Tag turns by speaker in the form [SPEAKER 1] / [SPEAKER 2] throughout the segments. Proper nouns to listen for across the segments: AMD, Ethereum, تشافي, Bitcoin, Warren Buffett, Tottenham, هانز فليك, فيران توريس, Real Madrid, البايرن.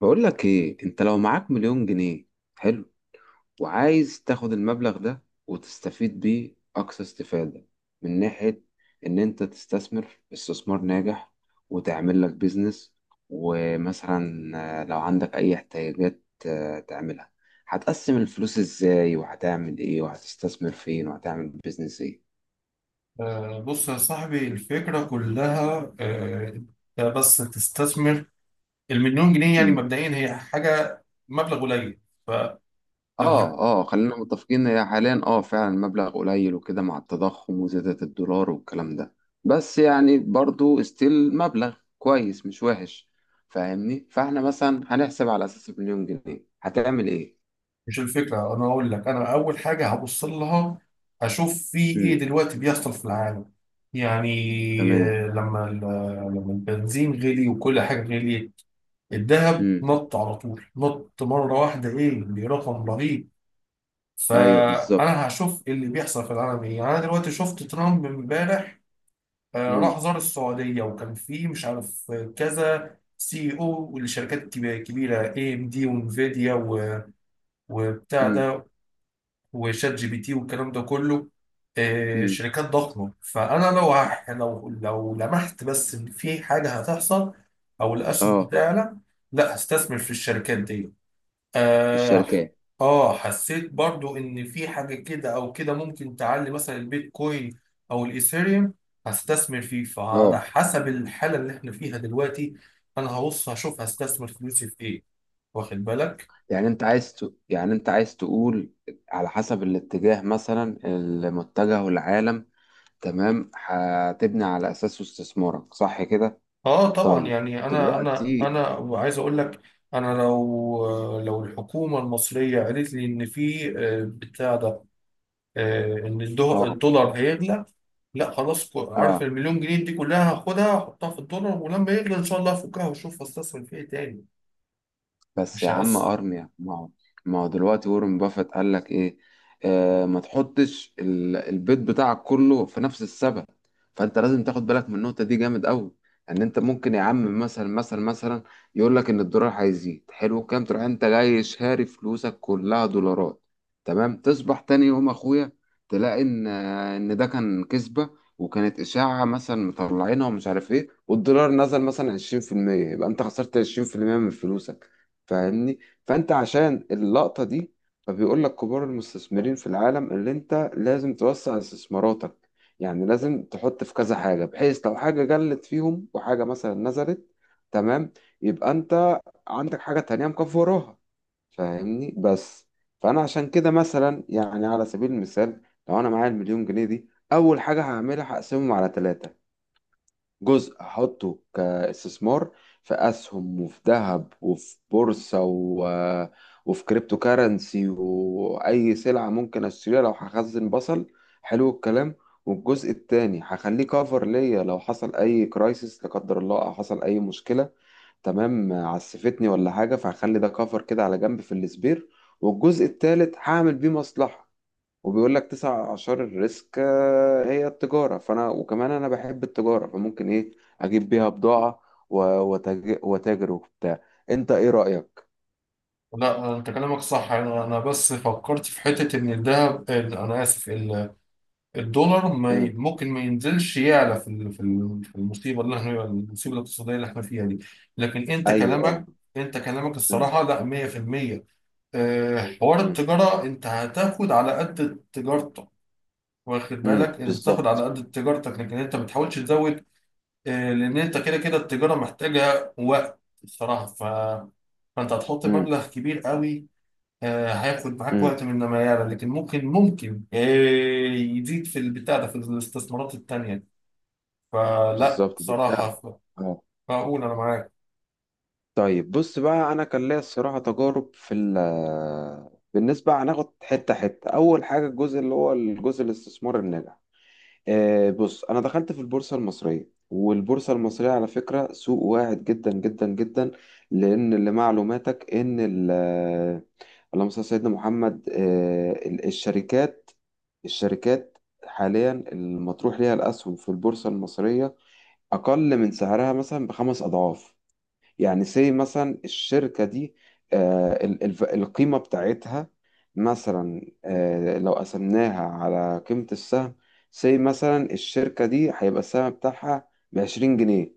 [SPEAKER 1] بقول لك ايه؟ انت لو معاك مليون جنيه، حلو، وعايز تاخد المبلغ ده وتستفيد بيه اقصى استفادة، من ناحية ان انت تستثمر استثمار ناجح وتعمل لك بيزنس، ومثلا لو عندك اي احتياجات تعملها، هتقسم الفلوس ازاي وهتعمل ايه وهتستثمر فين وهتعمل بيزنس
[SPEAKER 2] بص يا صاحبي، الفكرة كلها انت بس تستثمر المليون جنيه. يعني
[SPEAKER 1] ايه؟
[SPEAKER 2] مبدئيا هي حاجة، مبلغ قليل. فلو هت...
[SPEAKER 1] اه اه، خلينا متفقين هي حاليا اه فعلا مبلغ قليل، وكده مع التضخم وزيادة الدولار والكلام ده، بس يعني برضو استيل مبلغ كويس مش وحش، فاهمني؟ فاحنا مثلا هنحسب على اساس مليون جنيه هتعمل ايه.
[SPEAKER 2] مش الفكرة. أنا أقول لك، أنا أول حاجة هبص لها أشوف في إيه
[SPEAKER 1] امم
[SPEAKER 2] دلوقتي بيحصل في العالم. يعني
[SPEAKER 1] تمام.
[SPEAKER 2] آه، لما ال- لما البنزين غلي وكل حاجة غليت، الذهب
[SPEAKER 1] امم
[SPEAKER 2] نط على طول، نط مرة واحدة إيه برقم رهيب.
[SPEAKER 1] ايوه بالظبط.
[SPEAKER 2] فأنا هشوف اللي بيحصل في العالم إيه. يعني أنا دلوقتي شفت ترامب إمبارح، راح
[SPEAKER 1] امم
[SPEAKER 2] زار السعودية وكان فيه مش عارف كذا سي او لشركات كبيرة، اي ام دي وانفيديا وبتاع
[SPEAKER 1] امم
[SPEAKER 2] ده وشات جي بي تي والكلام ده كله.
[SPEAKER 1] امم
[SPEAKER 2] شركات ضخمة. فأنا لو لو لمحت بس إن في حاجة هتحصل أو الأسهم
[SPEAKER 1] اه،
[SPEAKER 2] هتعلى، لا هستثمر في الشركات دي.
[SPEAKER 1] في
[SPEAKER 2] آه.
[SPEAKER 1] الشركات.
[SPEAKER 2] آه، حسيت برضو إن في حاجة كده أو كده ممكن تعلي، مثلا البيتكوين أو الإيثيريوم، هستثمر فيه.
[SPEAKER 1] اه،
[SPEAKER 2] فعلى حسب الحالة اللي إحنا فيها دلوقتي، أنا هبص هشوف هستثمر فلوسي في إيه. واخد بالك؟
[SPEAKER 1] يعني انت عايز ت... يعني انت عايز تقول على حسب الاتجاه، مثلا المتجه والعالم، تمام، هتبني على اساسه استثمارك، صح كده؟
[SPEAKER 2] آه طبعا.
[SPEAKER 1] طيب،
[SPEAKER 2] يعني أنا أنا
[SPEAKER 1] دلوقتي
[SPEAKER 2] أنا عايز أقول لك، أنا لو لو الحكومة المصرية قالت لي إن في بتاع ده، ان
[SPEAKER 1] اه
[SPEAKER 2] الدولار هيغلى، لا خلاص. عارف
[SPEAKER 1] اه،
[SPEAKER 2] المليون جنيه دي كلها هاخدها احطها في الدولار، ولما يغلى ان شاء الله افكها واشوف استثمر في ايه تاني.
[SPEAKER 1] بس
[SPEAKER 2] مش
[SPEAKER 1] يا عم
[SPEAKER 2] هقسم.
[SPEAKER 1] ارميا، ما هو، ما هو دلوقتي وارن بافيت قال لك ايه؟ آه، ما تحطش البيض بتاعك كله في نفس السبت. فانت لازم تاخد بالك من النقطه دي جامد قوي. ان انت ممكن يا عم، مثلا، يقول لك ان الدولار هيزيد، حلو، كام تروح انت جاي شاري فلوسك كلها دولارات، تمام، تصبح تاني يوم اخويا تلاقي ان ان ده كان كذبه، وكانت اشاعه مثلا مطلعينها ومش عارف ايه، والدولار نزل مثلا 20%، يبقى انت خسرت 20% من فلوسك، فاهمني؟ فانت عشان اللقطة دي، فبيقول لك كبار المستثمرين في العالم اللي انت لازم توسع استثماراتك، يعني لازم تحط في كذا حاجة، بحيث لو حاجة قلت فيهم وحاجة مثلا نزلت، تمام، يبقى انت عندك حاجة تانية مكفراها، فاهمني؟ بس. فانا عشان كده مثلا، يعني على سبيل المثال، لو انا معايا المليون جنيه دي، اول حاجة هعملها هقسمهم على ثلاثة. جزء هحطه كاستثمار في اسهم وفي ذهب وفي بورصه و... وفي كريبتو كارنسي، واي سلعه ممكن اشتريها لو هخزن بصل، حلو الكلام. والجزء التاني هخليه كفر ليا، لو حصل اي كرايسيس لا قدر الله، او حصل اي مشكله، تمام، عسفتني ولا حاجه، فهخلي ده كفر كده على جنب في السبير. والجزء التالت هعمل بيه مصلحه. وبيقول لك تسع أعشار الريسك هي التجارة، فأنا وكمان أنا بحب التجارة، فممكن إيه أجيب بيها بضاعة، وتاجر وبتاع. أنت إيه رأيك؟
[SPEAKER 2] لا، انت كلامك صح. أنا بس فكرت في حته، ان الذهب، انا اسف، الدولار ما ي-
[SPEAKER 1] مم.
[SPEAKER 2] ممكن ما ينزلش، يعلى في في المصيبه اللي احنا، المصيبه الاقتصاديه اللي احنا فيها دي. لكن انت
[SPEAKER 1] أيوه أه.
[SPEAKER 2] كلامك انت كلامك
[SPEAKER 1] مم.
[SPEAKER 2] الصراحه لا 100%. حوار
[SPEAKER 1] مم.
[SPEAKER 2] التجاره، انت هتاخد على قد تجارتك. واخد بالك؟ انت تاخد على
[SPEAKER 1] بالظبط.
[SPEAKER 2] قد تجارتك، لكن انت ما تحاولش تزود. لان انت كده كده التجاره محتاجه وقت الصراحه. فانت هتحط
[SPEAKER 1] مم.
[SPEAKER 2] مبلغ كبير قوي. هياخد معاك
[SPEAKER 1] مم.
[SPEAKER 2] وقت من ما يعلى، لكن ممكن يزيد في البتاع ده في الاستثمارات التانية. فلا
[SPEAKER 1] بالظبط بالفعل،
[SPEAKER 2] صراحة،
[SPEAKER 1] أه.
[SPEAKER 2] فأقول أنا معاك.
[SPEAKER 1] طيب بص بقى، أنا كان ليا الصراحة تجارب في ال، بالنسبة هناخد حتة حتة. أول حاجة الجزء اللي هو الجزء الاستثمار الناجح، بص، انا دخلت في البورصه المصريه، والبورصه المصريه على فكره سوق واعد جدا جدا جدا. لان لمعلوماتك ان اللهم صل على سيدنا محمد، الشركات حاليا المطروح ليها الاسهم في البورصه المصريه اقل من سعرها مثلا بخمس اضعاف. يعني سي مثلا الشركة دي، القيمة بتاعتها مثلا، لو قسمناها على قيمة السهم، سي مثلا الشركة دي هيبقى السهم بتاعها بعشرين جنيه.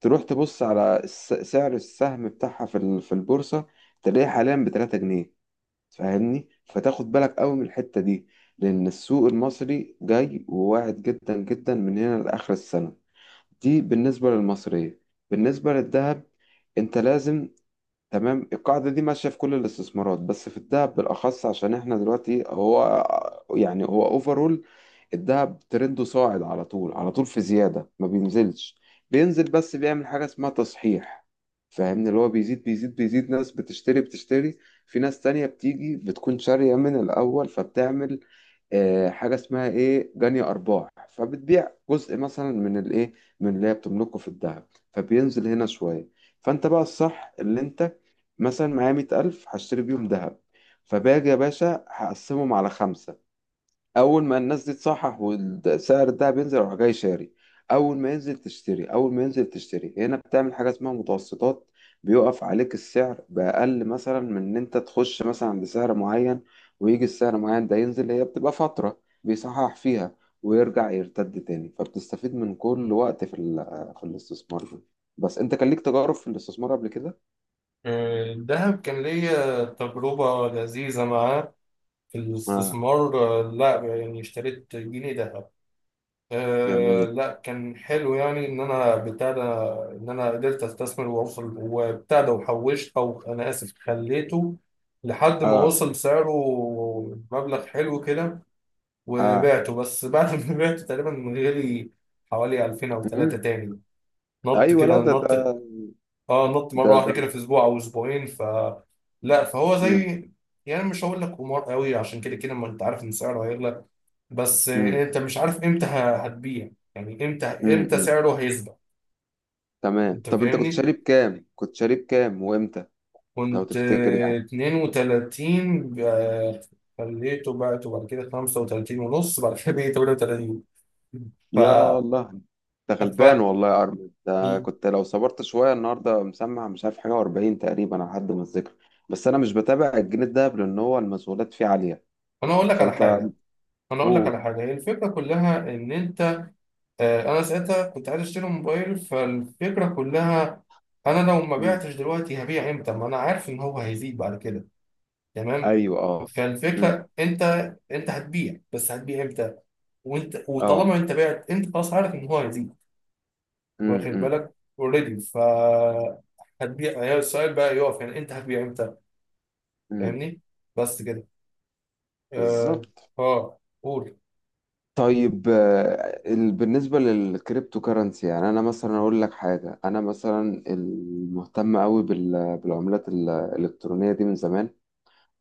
[SPEAKER 1] تروح تبص على سعر السهم بتاعها في في البورصة، تلاقيه حاليا بتلاتة جنيه. فاهمني؟ فتاخد بالك قوي من الحتة دي، لأن السوق المصري جاي وواعد جدا جدا من هنا لآخر السنة. دي بالنسبة للمصرية. بالنسبة للذهب، انت لازم، تمام، القاعدة دي ماشية في كل الاستثمارات، بس في الذهب بالأخص. عشان احنا دلوقتي هو، يعني هو اوفرول الذهب ترنده صاعد على طول، في زيادة ما بينزلش، بينزل بس بيعمل حاجة اسمها تصحيح. فاهمني؟ اللي هو بيزيد بيزيد، ناس بتشتري، في ناس تانية بتيجي بتكون شارية من الأول، فبتعمل حاجة اسمها ايه، جني أرباح، فبتبيع جزء مثلا من الايه، من اللي هي بتملكه في الذهب، فبينزل هنا شوية. فانت بقى الصح اللي انت، مثلا معايا مية ألف هشتري بيهم دهب، فباجي يا باشا هقسمهم على خمسة، أول ما الناس دي تصحح وسعر الدهب ينزل أروح جاي شاري، أول ما ينزل تشتري، أول ما ينزل تشتري، هنا بتعمل حاجة اسمها متوسطات، بيقف عليك السعر بأقل مثلا من إن أنت تخش مثلا بسعر معين، ويجي السعر معين ده ينزل، هي بتبقى فترة بيصحح فيها ويرجع يرتد تاني، فبتستفيد من كل وقت في في الاستثمار ده. بس أنت كان ليك تجارب في الاستثمار قبل كده؟
[SPEAKER 2] الذهب كان ليا تجربة لذيذة معاه في
[SPEAKER 1] آه،
[SPEAKER 2] الاستثمار. لا يعني اشتريت جنيه ذهب. آه،
[SPEAKER 1] جميل،
[SPEAKER 2] لا كان حلو. يعني ان انا بتاع ده، ان انا قدرت استثمر واوصل وبتاع ده وحوشت، او انا اسف خليته لحد ما
[SPEAKER 1] اه
[SPEAKER 2] وصل سعره مبلغ حلو كده،
[SPEAKER 1] اه.
[SPEAKER 2] وبعته. بس بعد ما بعته تقريبا غالي، حوالي 2000 او 3
[SPEAKER 1] مم.
[SPEAKER 2] تاني. نط
[SPEAKER 1] ايوه.
[SPEAKER 2] كده
[SPEAKER 1] لا ده
[SPEAKER 2] نط.
[SPEAKER 1] ده
[SPEAKER 2] اه نط
[SPEAKER 1] ده
[SPEAKER 2] مره واحده
[SPEAKER 1] ده
[SPEAKER 2] كده في اسبوع او اسبوعين. لا، فهو
[SPEAKER 1] مم.
[SPEAKER 2] زي، يعني مش هقول لك قمار قوي، عشان كده كده ما انت عارف ان سعره هيغلى، بس
[SPEAKER 1] مم.
[SPEAKER 2] انت مش عارف امتى هتبيع. يعني امتى
[SPEAKER 1] مم.
[SPEAKER 2] امتى
[SPEAKER 1] مم.
[SPEAKER 2] سعره هيثبت.
[SPEAKER 1] تمام.
[SPEAKER 2] انت
[SPEAKER 1] طب انت كنت
[SPEAKER 2] فاهمني.
[SPEAKER 1] شارب كام، كنت شارب كام وامتى، لو
[SPEAKER 2] كنت
[SPEAKER 1] تفتكر يعني؟
[SPEAKER 2] 32 خليته، بعته بعد كده 35 ونص، بعد كده بقيت 38. ف...
[SPEAKER 1] يا الله، انت
[SPEAKER 2] ف...
[SPEAKER 1] غلبان والله يا ارمي، ده كنت لو صبرت شويه، النهارده مسمع مش عارف حاجه و40 تقريبا على حد ما اتذكر. بس انا مش بتابع الجنيه الدهب لان هو المسؤولات فيه عاليه.
[SPEAKER 2] انا اقول لك على
[SPEAKER 1] فانت،
[SPEAKER 2] حاجه.
[SPEAKER 1] اوه.
[SPEAKER 2] هي الفكره كلها ان انت، انا ساعتها كنت عايز اشتري موبايل. فالفكره كلها، انا لو ما
[SPEAKER 1] مم.
[SPEAKER 2] بعتش دلوقتي هبيع امتى؟ ما انا عارف ان هو هيزيد بعد كده. تمام.
[SPEAKER 1] ايوه اه. مم.
[SPEAKER 2] فالفكره انت، هتبيع، بس هتبيع امتى؟ وانت،
[SPEAKER 1] اه.
[SPEAKER 2] وطالما انت بعت، انت خلاص عارف ان هو هيزيد.
[SPEAKER 1] مم.
[SPEAKER 2] واخد
[SPEAKER 1] مم.
[SPEAKER 2] بالك؟ اوريدي. هتبيع، هي السؤال بقى يقف، يعني انت هتبيع امتى.
[SPEAKER 1] مم.
[SPEAKER 2] فاهمني. بس كده. اه
[SPEAKER 1] بالظبط.
[SPEAKER 2] اه قول.
[SPEAKER 1] طيب، بالنسبة للكريبتو كرنسي، يعني أنا مثلا أقول لك حاجة، أنا مثلا المهتم أوي بالعملات الإلكترونية دي من زمان،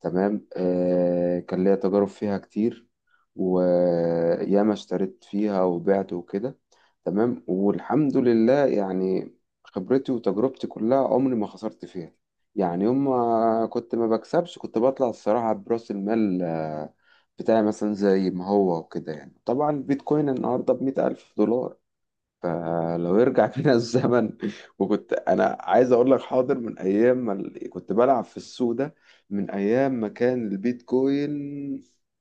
[SPEAKER 1] تمام، آه، كان ليا تجارب فيها كتير، وياما اشتريت فيها وبعت وكده، تمام، والحمد لله يعني، خبرتي وتجربتي كلها عمري ما خسرت فيها. يعني يوم ما كنت ما بكسبش كنت بطلع الصراحة برأس المال بتاعي مثلا زي ما هو وكده. يعني طبعا البيتكوين النهاردة بمئة ألف دولار، فلو يرجع فينا الزمن، وكنت انا عايز اقول لك، حاضر، من ايام ما كنت بلعب في السوق ده، من ايام ما كان البيتكوين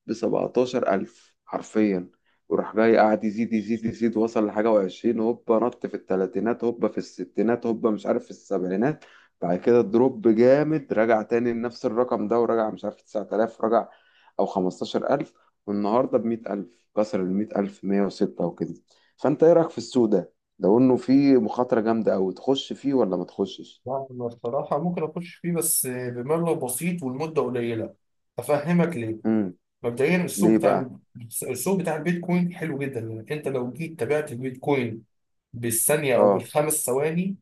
[SPEAKER 1] ب 17000 الف حرفيا، وراح جاي قاعد يزيد، وصل لحاجه و20، هوبا نط في الثلاثينات، هوبا في الستينات، هوبا مش عارف في السبعينات، بعد كده دروب جامد، رجع تاني لنفس الرقم ده، ورجع مش عارف 9000، رجع او 15000، والنهارده ب 100000، كسر ال 100000، 106 وكده. فانت ايه رايك في السوق ده، لو انه فيه مخاطره جامده قوي تخش فيه ولا ما تخشش؟
[SPEAKER 2] لا، انا الصراحه ممكن اخش فيه بس بمبلغ بسيط والمده قليله. افهمك ليه.
[SPEAKER 1] امم
[SPEAKER 2] مبدئيا
[SPEAKER 1] ليه بقى؟
[SPEAKER 2] السوق بتاع البيتكوين حلو جدا. يعني انت لو جيت تابعت البيتكوين بالثانيه او
[SPEAKER 1] اه
[SPEAKER 2] بالخمس ثواني،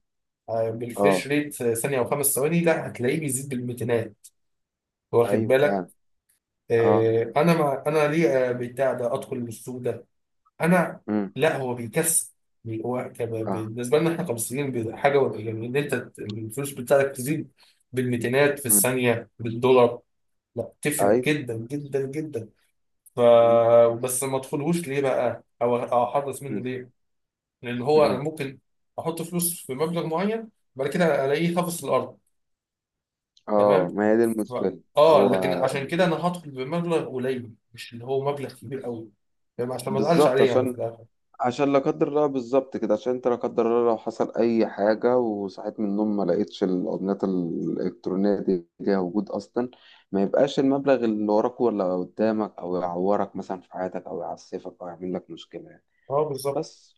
[SPEAKER 2] بالفريش
[SPEAKER 1] اه،
[SPEAKER 2] ريت، ثانيه او خمس ثواني، لا هتلاقيه بيزيد بالميتينات. واخد
[SPEAKER 1] ايوه
[SPEAKER 2] بالك؟
[SPEAKER 1] فعلا، اه.
[SPEAKER 2] انا، ما انا ليه بتاع ده ادخل السوق ده؟ انا،
[SPEAKER 1] امم
[SPEAKER 2] لا هو بيكسب.
[SPEAKER 1] اه.
[SPEAKER 2] بالنسبه لنا احنا كمصريين، حاجه، يعني ان انت الفلوس بتاعتك تزيد بالميتينات في
[SPEAKER 1] امم
[SPEAKER 2] الثانيه بالدولار، لا تفرق
[SPEAKER 1] ايوه.
[SPEAKER 2] جدا جدا جدا. ف
[SPEAKER 1] امم
[SPEAKER 2] بس ما ادخلهوش ليه بقى؟ او احرص منه
[SPEAKER 1] امم
[SPEAKER 2] ليه؟ لان هو انا
[SPEAKER 1] امم.
[SPEAKER 2] ممكن احط فلوس في مبلغ معين بعد كده الاقيه خافص الارض. تمام.
[SPEAKER 1] اه، ما هي دي
[SPEAKER 2] ف...
[SPEAKER 1] المشكله.
[SPEAKER 2] اه،
[SPEAKER 1] هو،
[SPEAKER 2] لكن عشان كده انا هدخل بمبلغ قليل، مش اللي هو مبلغ كبير قوي. فاهم؟ عشان ما ازعلش
[SPEAKER 1] بالظبط،
[SPEAKER 2] عليه يعني في
[SPEAKER 1] عشان،
[SPEAKER 2] الاخر.
[SPEAKER 1] عشان لا قدر الله، بالظبط كده، عشان انت لا قدر الله لو حصل اي حاجه وصحيت من النوم ما لقيتش الاوردينات الالكترونيه دي ليها وجود اصلا، ما يبقاش المبلغ اللي وراك ولا قدامك، او يعورك مثلا في حياتك، او يعسفك، او يعمل لك مشكله يعني.
[SPEAKER 2] اه بالظبط.
[SPEAKER 1] بس.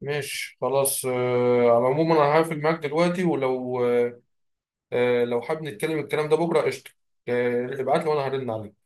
[SPEAKER 2] ماشي خلاص. على العموم انا هقفل معاك دلوقتي، ولو لو حابب نتكلم الكلام ده بكره، قشطه. آه، ابعت لي وانا هرن عليك.